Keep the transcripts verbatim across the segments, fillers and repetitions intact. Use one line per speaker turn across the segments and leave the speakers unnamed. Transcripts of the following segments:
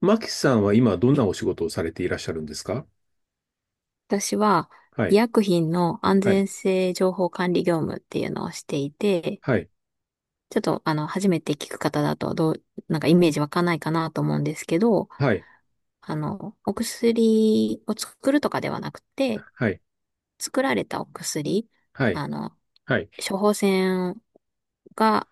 マキさんは今どんなお仕事をされていらっしゃるんですか？
私は
は
医
い、
薬品の安
はい、
全性情報管理業務っていうのをしていて、
はい、
ちょっとあの、初めて聞く方だとどう、なんかイメージ湧かんないかなと思うんですけど、
はい、
あの、お薬を作るとかではなくて、
はい、
作られたお薬、
はい、
あの、
はい、
処方箋が、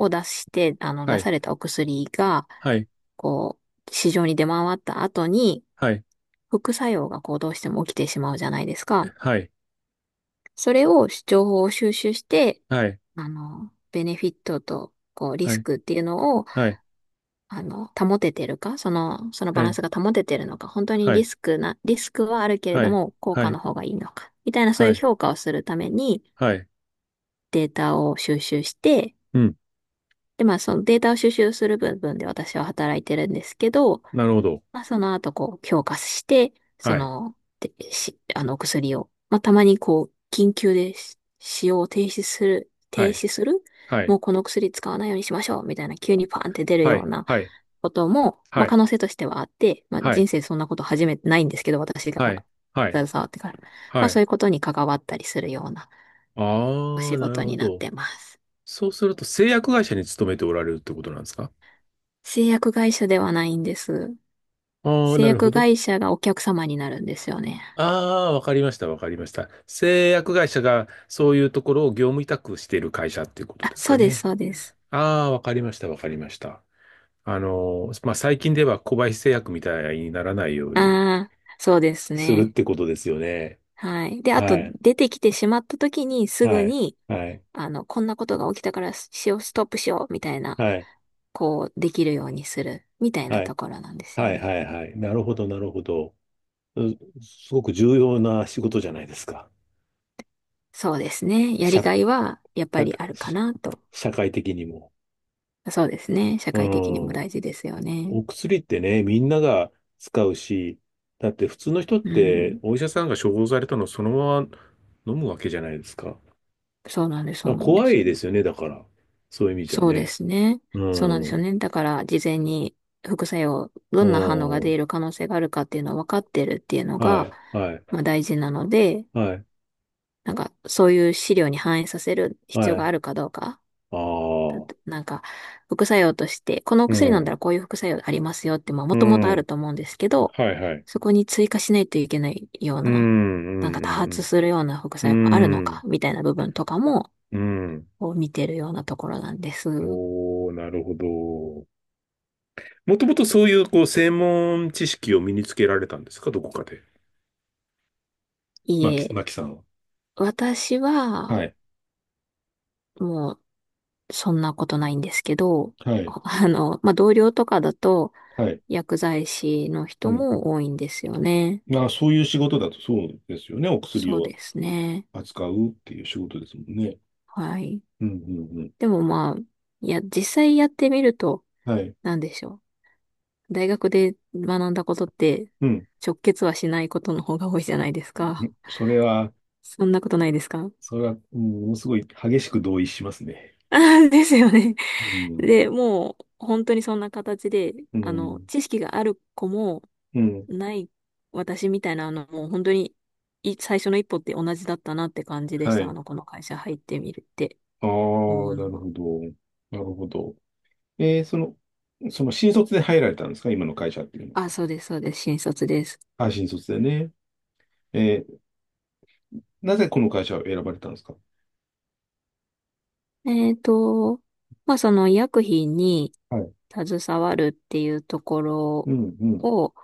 を出して、あの、
は
出
い、
されたお薬が、
はい、
こう、市場に出回った後に、
はい、
副作用がこうどうしても起きてしまうじゃないですか。
はい、
それを情報を収集して、
はい、
あの、ベネフィットと、こう、リ
は
ス
い、
クっていうのを、
はい、はい、
あの、保ててるか、その、その
え
バラン
ー
スが保ててるのか、本当に
は
リ
い、
スクな、リスクはあるけれ
は
ど
い、
も、効
は
果の
い、
方がいいのか、みたいなそう
は
いう
い、
評価をするために、
はい、
データを収集して、
うん、
で、まあ、そのデータを収集する部分で私は働いてるんですけど、
なるほど。
まあ、その後、こう、強化して、そ
はい、
の、で、し、あの、お薬を、まあ、たまに、こう、緊急でし使用を停止する、
は
停
い、
止する、
はい、
もうこの薬使わないようにしましょう、みたいな、急にパーンって出る
は
よ
い、
うな
はい、
ことも、ま
は
あ、
い、
可能性としてはあって、まあ、
はい、
人生そんなこと初めてないんですけど、私が
はい、はい、
携わってから。ま
は
あ、そう
い。
いうことに関わったりするようなお
ああ、
仕
なる
事
ほ
になっ
ど。
てます。
そうすると製薬会社に勤めておられるってことなんですか？
製薬会社ではないんです。
ああー、
製
なるほ
薬
ど。
会社がお客様になるんですよね。
ああ、わかりました、わかりました。製薬会社がそういうところを業務委託している会社っていうこと
あ、
です
そ
か
うです、
ね？
そうです。
ああ、わかりました、わかりました。あのまあ、最近では小林製薬みたいにならないように
ああ、そうです
するっ
ね。
てことですよね。
はい。で、あ
は
と、
い、
出てきてしまった時に、す
は
ぐ
い、
に、
はい、
あの、こんなことが起きたから、しよう、ストップしよう、みたいな、
はい、
こう、できるようにする、みたいな
は
と
い、
ころなんですよ
はい、
ね。
はい、はい。なるほど、なるほど。うすごく重要な仕事じゃないですか。
そうですね。やり
社、
がいは、やっぱり
社
あるかなと。
社会的にも。
そうですね。社
う
会的にも
ん。
大事ですよね。
お薬ってね、みんなが使うし、だって普通の人っ
う
て
ん。
お医者さんが処方されたのをそのまま飲むわけじゃないですか。だか
そうなんです、そ
ら
うなんで
怖い
す。
ですよね、だから。そういう意味じゃ
そうで
ね。
すね。
う
そうなんですよ
ん。
ね。だから、事前に副作用、ど
う
んな反応が
ん。は
出る可能性があるかっていうのを分かってるっていうのが、
い、はい、
まあ大事なので、
はい、
なんか、そういう資料に反映させる必要
は
が
い。
あるかどうか。
あ
だっ
あ。
てなんか、副作用として、このお
う
薬飲んだ
ん。
らこういう副作用ありますよって、まあも
う
ともとあ
ん。
ると思うんですけど、
はい、はい。
そこに追加しないといけないよう
う
な、なんか多
ん、う
発
ん、
するような副
う
作用がある
ん。
の
う
か、
ん。
みたいな部分とかも、
うん。
こう見てるようなところなんです。
おおー、なるほど。もともとそういう、こう、専門知識を身につけられたんですか、どこかで。
い
マキ、
え、
マキさんは。
私
は
は、
い。
もう、そんなことないんですけど、
は い。
あの、まあ、同僚とかだと、
はい。
薬剤師の
う
人
ん。
も多いんですよね。
まあ、そういう仕事だとそうですよね。お薬
そう
を
ですね。
扱うっていう仕事ですもんね。
はい。
うん、うん、うん。
でもまあ、いや、実際やってみると、
はい。
なんでしょう。大学で学んだことって、
うん。
直結はしないことの方が多いじゃないですか。
んそれは、
そんなことないですか
そ れは、うんものすごい激しく同意しますね。
あーですよね。
う ん。
で、もう、本当にそんな形で、
う
あの、
ん。
知識がある子も、
うん。
ない私みたいな、あの、もう本当に、い、最初の一歩って同じだったなって感じでし
は
た。あ
い。
の、この会社入ってみるって
ああ、
思う
な
の
る
は。
ほど。なるほど。えー、その、その新卒で入られたんですか？今の会社っていうのは。
あ、そうです、そうです。新卒です。
あ、新卒でね。えー、なぜこの会社を選ばれたんですか？
えっと、まあ、その医薬品に
はい。
携わるっていうところ
うん、うん。
を、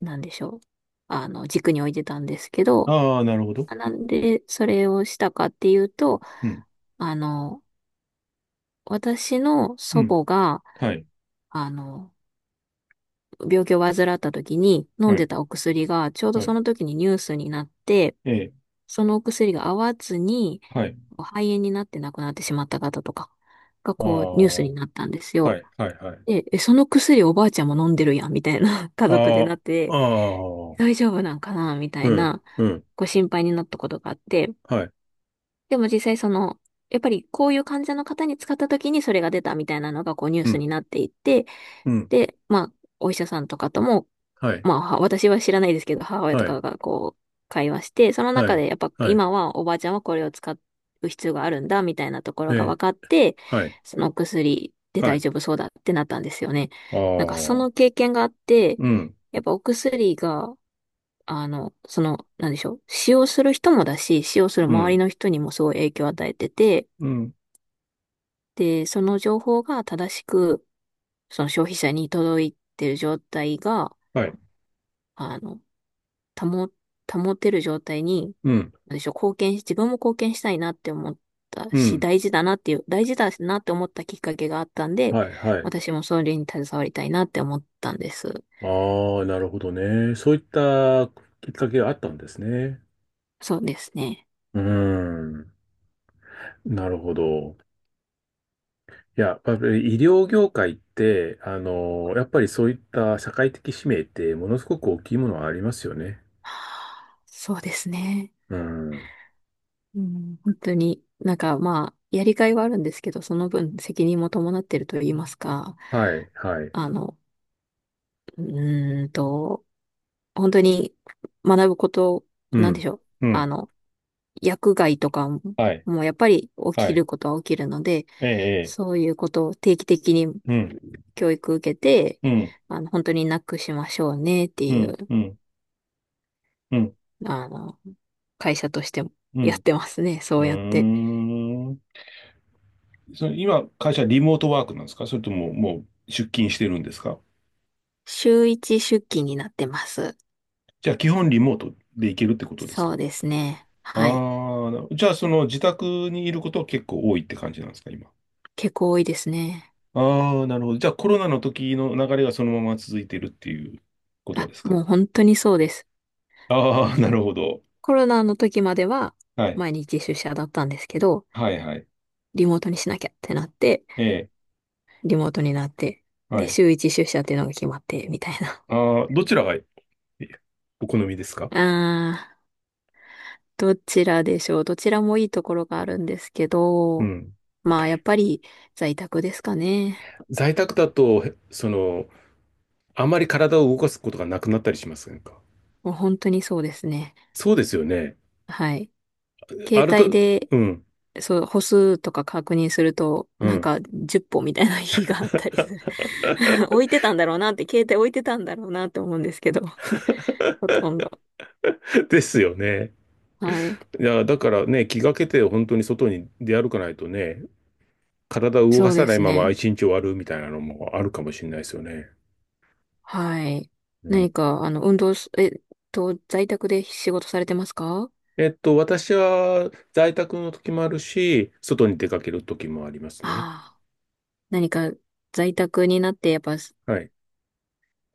なんでしょう。あの、軸に置いてたんですけど、
ああ、なるほど。
あなんでそれをしたかっていうと、
うん、
あの、私の
う
祖
ん。
母が、
はい。
あの、病気を患った時に飲
は
んで
い、
たお薬がちょうど
は
そ
い、
の時にニュースになって、
ええ、
そのお薬が合わずに
はい。
肺炎になって亡くなってしまった方とかが
ああ、
こうニュースに
は
なったんですよ。
い、はい、はい。
で、え、その薬おばあちゃんも飲んでるやんみたいな 家族で
あ
なっ
あ、あ
て、
あ、
大丈夫なんかなみた
う
い
ん、
な
うん、
ご心配になったことがあって、
はい、
でも実際その、やっぱりこういう患者の方に使った時にそれが出たみたいなのがこうニュー
う
ス
ん、
になっていって、
うん、
で、まあ、お医者さんとかとも
はい、
まあ、は私は知らないですけど、母親と
はい、
かがこう、会話して、その
は
中
い、
でやっぱ
はい、
今はおばあちゃんはこれを使う必要があるんだ、みたいなとこ
え
ろが分
え、
かって、
はい、
その薬で
は
大
い、
丈夫そうだってなったんですよね。
あ
なんかそ
あ、
の経験があって、
うん、
やっぱお薬が、あの、その、なんでしょう、使用する人もだし、使用する
う
周り
ん、
の人にもすごい影響を与えてて、
うん、
で、その情報が正しく、その消費者に届いてる状態が、
はい、
あの、保、保てる状態に、
うん、
なんでしょう、貢献し、自分も貢献したいなって思った
う
し、
ん、
大事だなっていう、大事だなって思ったきっかけがあったんで、
はい、はい。
私もそれに携わりたいなって思ったんです。
ああ、なるほどね。そういったきっかけがあったんですね。
そうですね。
うん、なるほど。いや、やっぱり医療業界って、あの、やっぱりそういった社会的使命ってものすごく大きいものはありますよね。
そうですね。
うん。
うん、本当になんかまあ、やりがいはあるんですけど、その分責任も伴ってると言いますか、
はい、はい。
あの、うーんと、本当に学ぶこと、
う
なんで
ん。
しょう、
う
あ
ん。
の、薬害とかも、
はい、
もうやっぱり起
は
き
い。
ることは起きるので、
ええ、
そういうことを定期的に
ええ。うん、
教育受けて、
うん、
あの、本当になくしましょうねって
う
い
ん、
う、
うん、うん、
あの、会社としても
う
やっ
ん。
てますね。そ
う
うやって。
ん。ーん。それ今、会社リモートワークなんですか？それとももう出勤してるんですか？
週一出勤になってます。
じゃあ基本リモートで行けるってことです
そ
か？
うですね。
ああ
はい。
ー、なじゃあその自宅にいることは結構多いって感じなんですか、今？
結構多いですね。
ああ、なるほど。じゃあコロナの時の流れがそのまま続いてるっていうこと
あ、
ですか。
もう本当にそうです。
ああ、なるほど。
コロナの時までは
はい。
毎日出社だったんですけど、
はいはい。
リモートにしなきゃってなって、
ええ、
リモートになって、
は
で、
い。
週一出社っていうのが決まって、みたいな。
ああ、どちらがえお好みですか？
あー、どちらでしょう。どちらもいいところがあるんですけ
う
ど、
ん。
まあ、やっぱり在宅ですかね。
在宅だと、へその、あまり体を動かすことがなくなったりしませんか？
もう本当にそうですね。
そうですよね。
はい。携
歩
帯
く、
で、
うん、
そう、歩数とか確認すると、
う
なん
ん。
かじゅっぽ歩みたいな日があったりする。置いてたんだろうなって、携帯置いてたんだろうなって思うんですけど、ほとんど。
ですよね。
はい。
いや、だからね、気がけて本当に外に出歩かないとね、体を動
そ
か
う
さ
で
ない
す
まま
ね。
一日終わるみたいなのもあるかもしれないですよね。
はい。
うん。
何か、あの、運動す、えっと、在宅で仕事されてますか？
えっと、私は在宅の時もあるし、外に出かける時もありますね。
ああ、何か、在宅になって、やっぱ、
はい。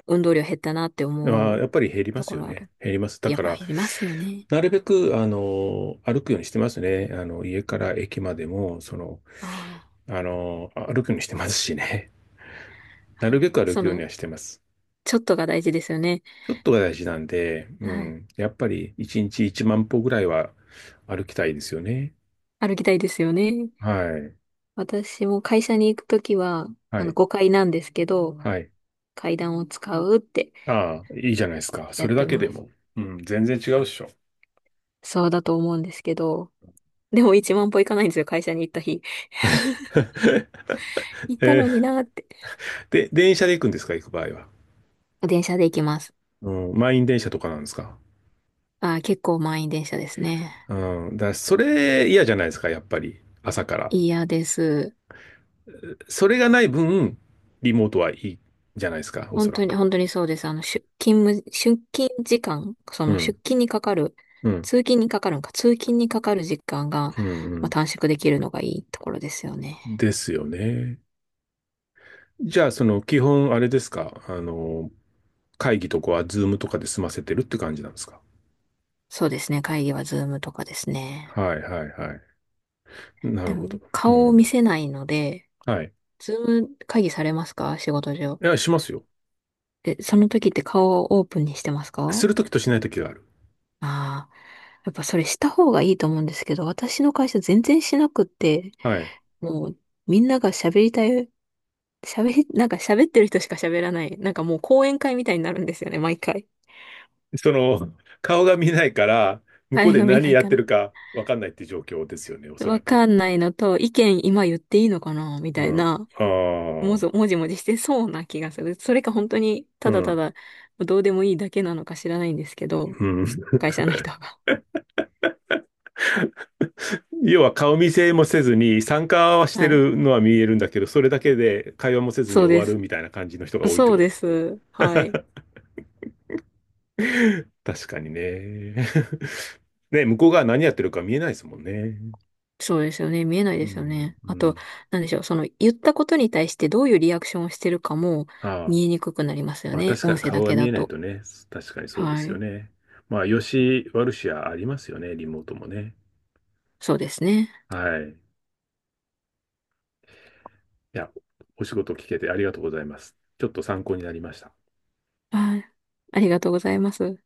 運動量減ったなって
あ
思
ー、や
う
っぱり減りま
と
す
こ
よ
ろあ
ね。
る。
減ります。だ
やっ
か
ぱ
ら、
減りますよね。
なるべく、あの、歩くようにしてますね。あの、家から駅までも、その、
あ
あの、歩くようにしてますしね。な
あ。は
るべ
い。
く歩
そ
くように
の、
はしてます。
ちょっとが大事ですよね。
ちょっとが大事なんで、う
はい。
ん。やっぱり、いちにちいちまん歩ぐらいは歩きたいですよね。
歩きたいですよね。
はい。
私も会社に行くときは、
は
あの、
い。
ごかいなんですけど、
はい。
階段を使うって
ああ、いいじゃないですか。そ
やっ
れだ
て
け
ま
で
す。
も。うん、全然違うっしょ。
そうだと思うんですけど、でもいちまん歩行かないんですよ、会社に行った日。行った
え
のに
ー
なって。
で、電車で行くんですか、行く場合は？
電車で行きます。
うん、満員電車とかなんですか？
あー、結構満員電車ですね。
うん、だからそれ嫌じゃないですか、やっぱり。朝から。
嫌です。
それがない分、リモートはいいじゃないですか、おそ
本
ら
当に、
く。
本当にそうです。あの、出勤む、出勤時間、そ
う
の
ん、
出勤にかかる、
うん、
通勤にかかるんか、通勤にかかる時間が、
うん、う
まあ、
ん。
短縮できるのがいいところですよね。
ですよね。じゃあ、その、基本、あれですか、あの、会議とかは、ズームとかで済ませてるって感じなんですか？
そうですね。会議はズームとかですね。
はいはいはい。な
で
るほど。
も、
う
顔を見
ん。
せないので、
はい。
ズーム会議されますか？仕事上。
いや、しますよ。
で、その時って顔をオープンにしてます
す
か？
るときとしないときがある。
ああ、やっぱそれした方がいいと思うんですけど、私の会社全然しなくって、
はい。
もうみんなが喋りたい、喋り、なんか喋ってる人しか喋らない。なんかもう講演会みたいになるんですよね、毎回。
その、顔が見えないから、向
あ
こう
れ
で
が見え
何
ない
やっ
か
てる
ら。
かわかんないって状況ですよね、おそ
わ
らく。
かんないのと、意見今言っていいのかなみた
う
い
ん。
な、
ああ、
もぞ、もじもじしてそうな気がする。それか本当に、
う
ただた
ん、
だ、どうでもいいだけなのか知らないんですけど、
うん。
会社の人が。
要は顔見せもせずに、参加はして
はい。
るのは見えるんだけど、それだけで会話もせずに
そう
終
で
わ
す。
るみたいな感じの人が多いっ
そ
て
う
こと。
です。はい。
確かにね。ね、向こうが何やってるか見えないですもんね。
そうですよね。見えない
う
ですよ
ん、
ね。あ
う
と、
ん。
なんでしょう。その言ったことに対してどういうリアクションをしてるかも
ああ、
見えにくくなりますよ
まあ
ね。
確か
音
に
声だ
顔が
け
見
だ
えない
と。
とね、確かにそうで
は
すよ
い。
ね。まあ、良し悪しはありますよね、リモートもね。
そうですね。
はい。いや、お仕事聞けてありがとうございます。ちょっと参考になりました。
はい。ありがとうございます。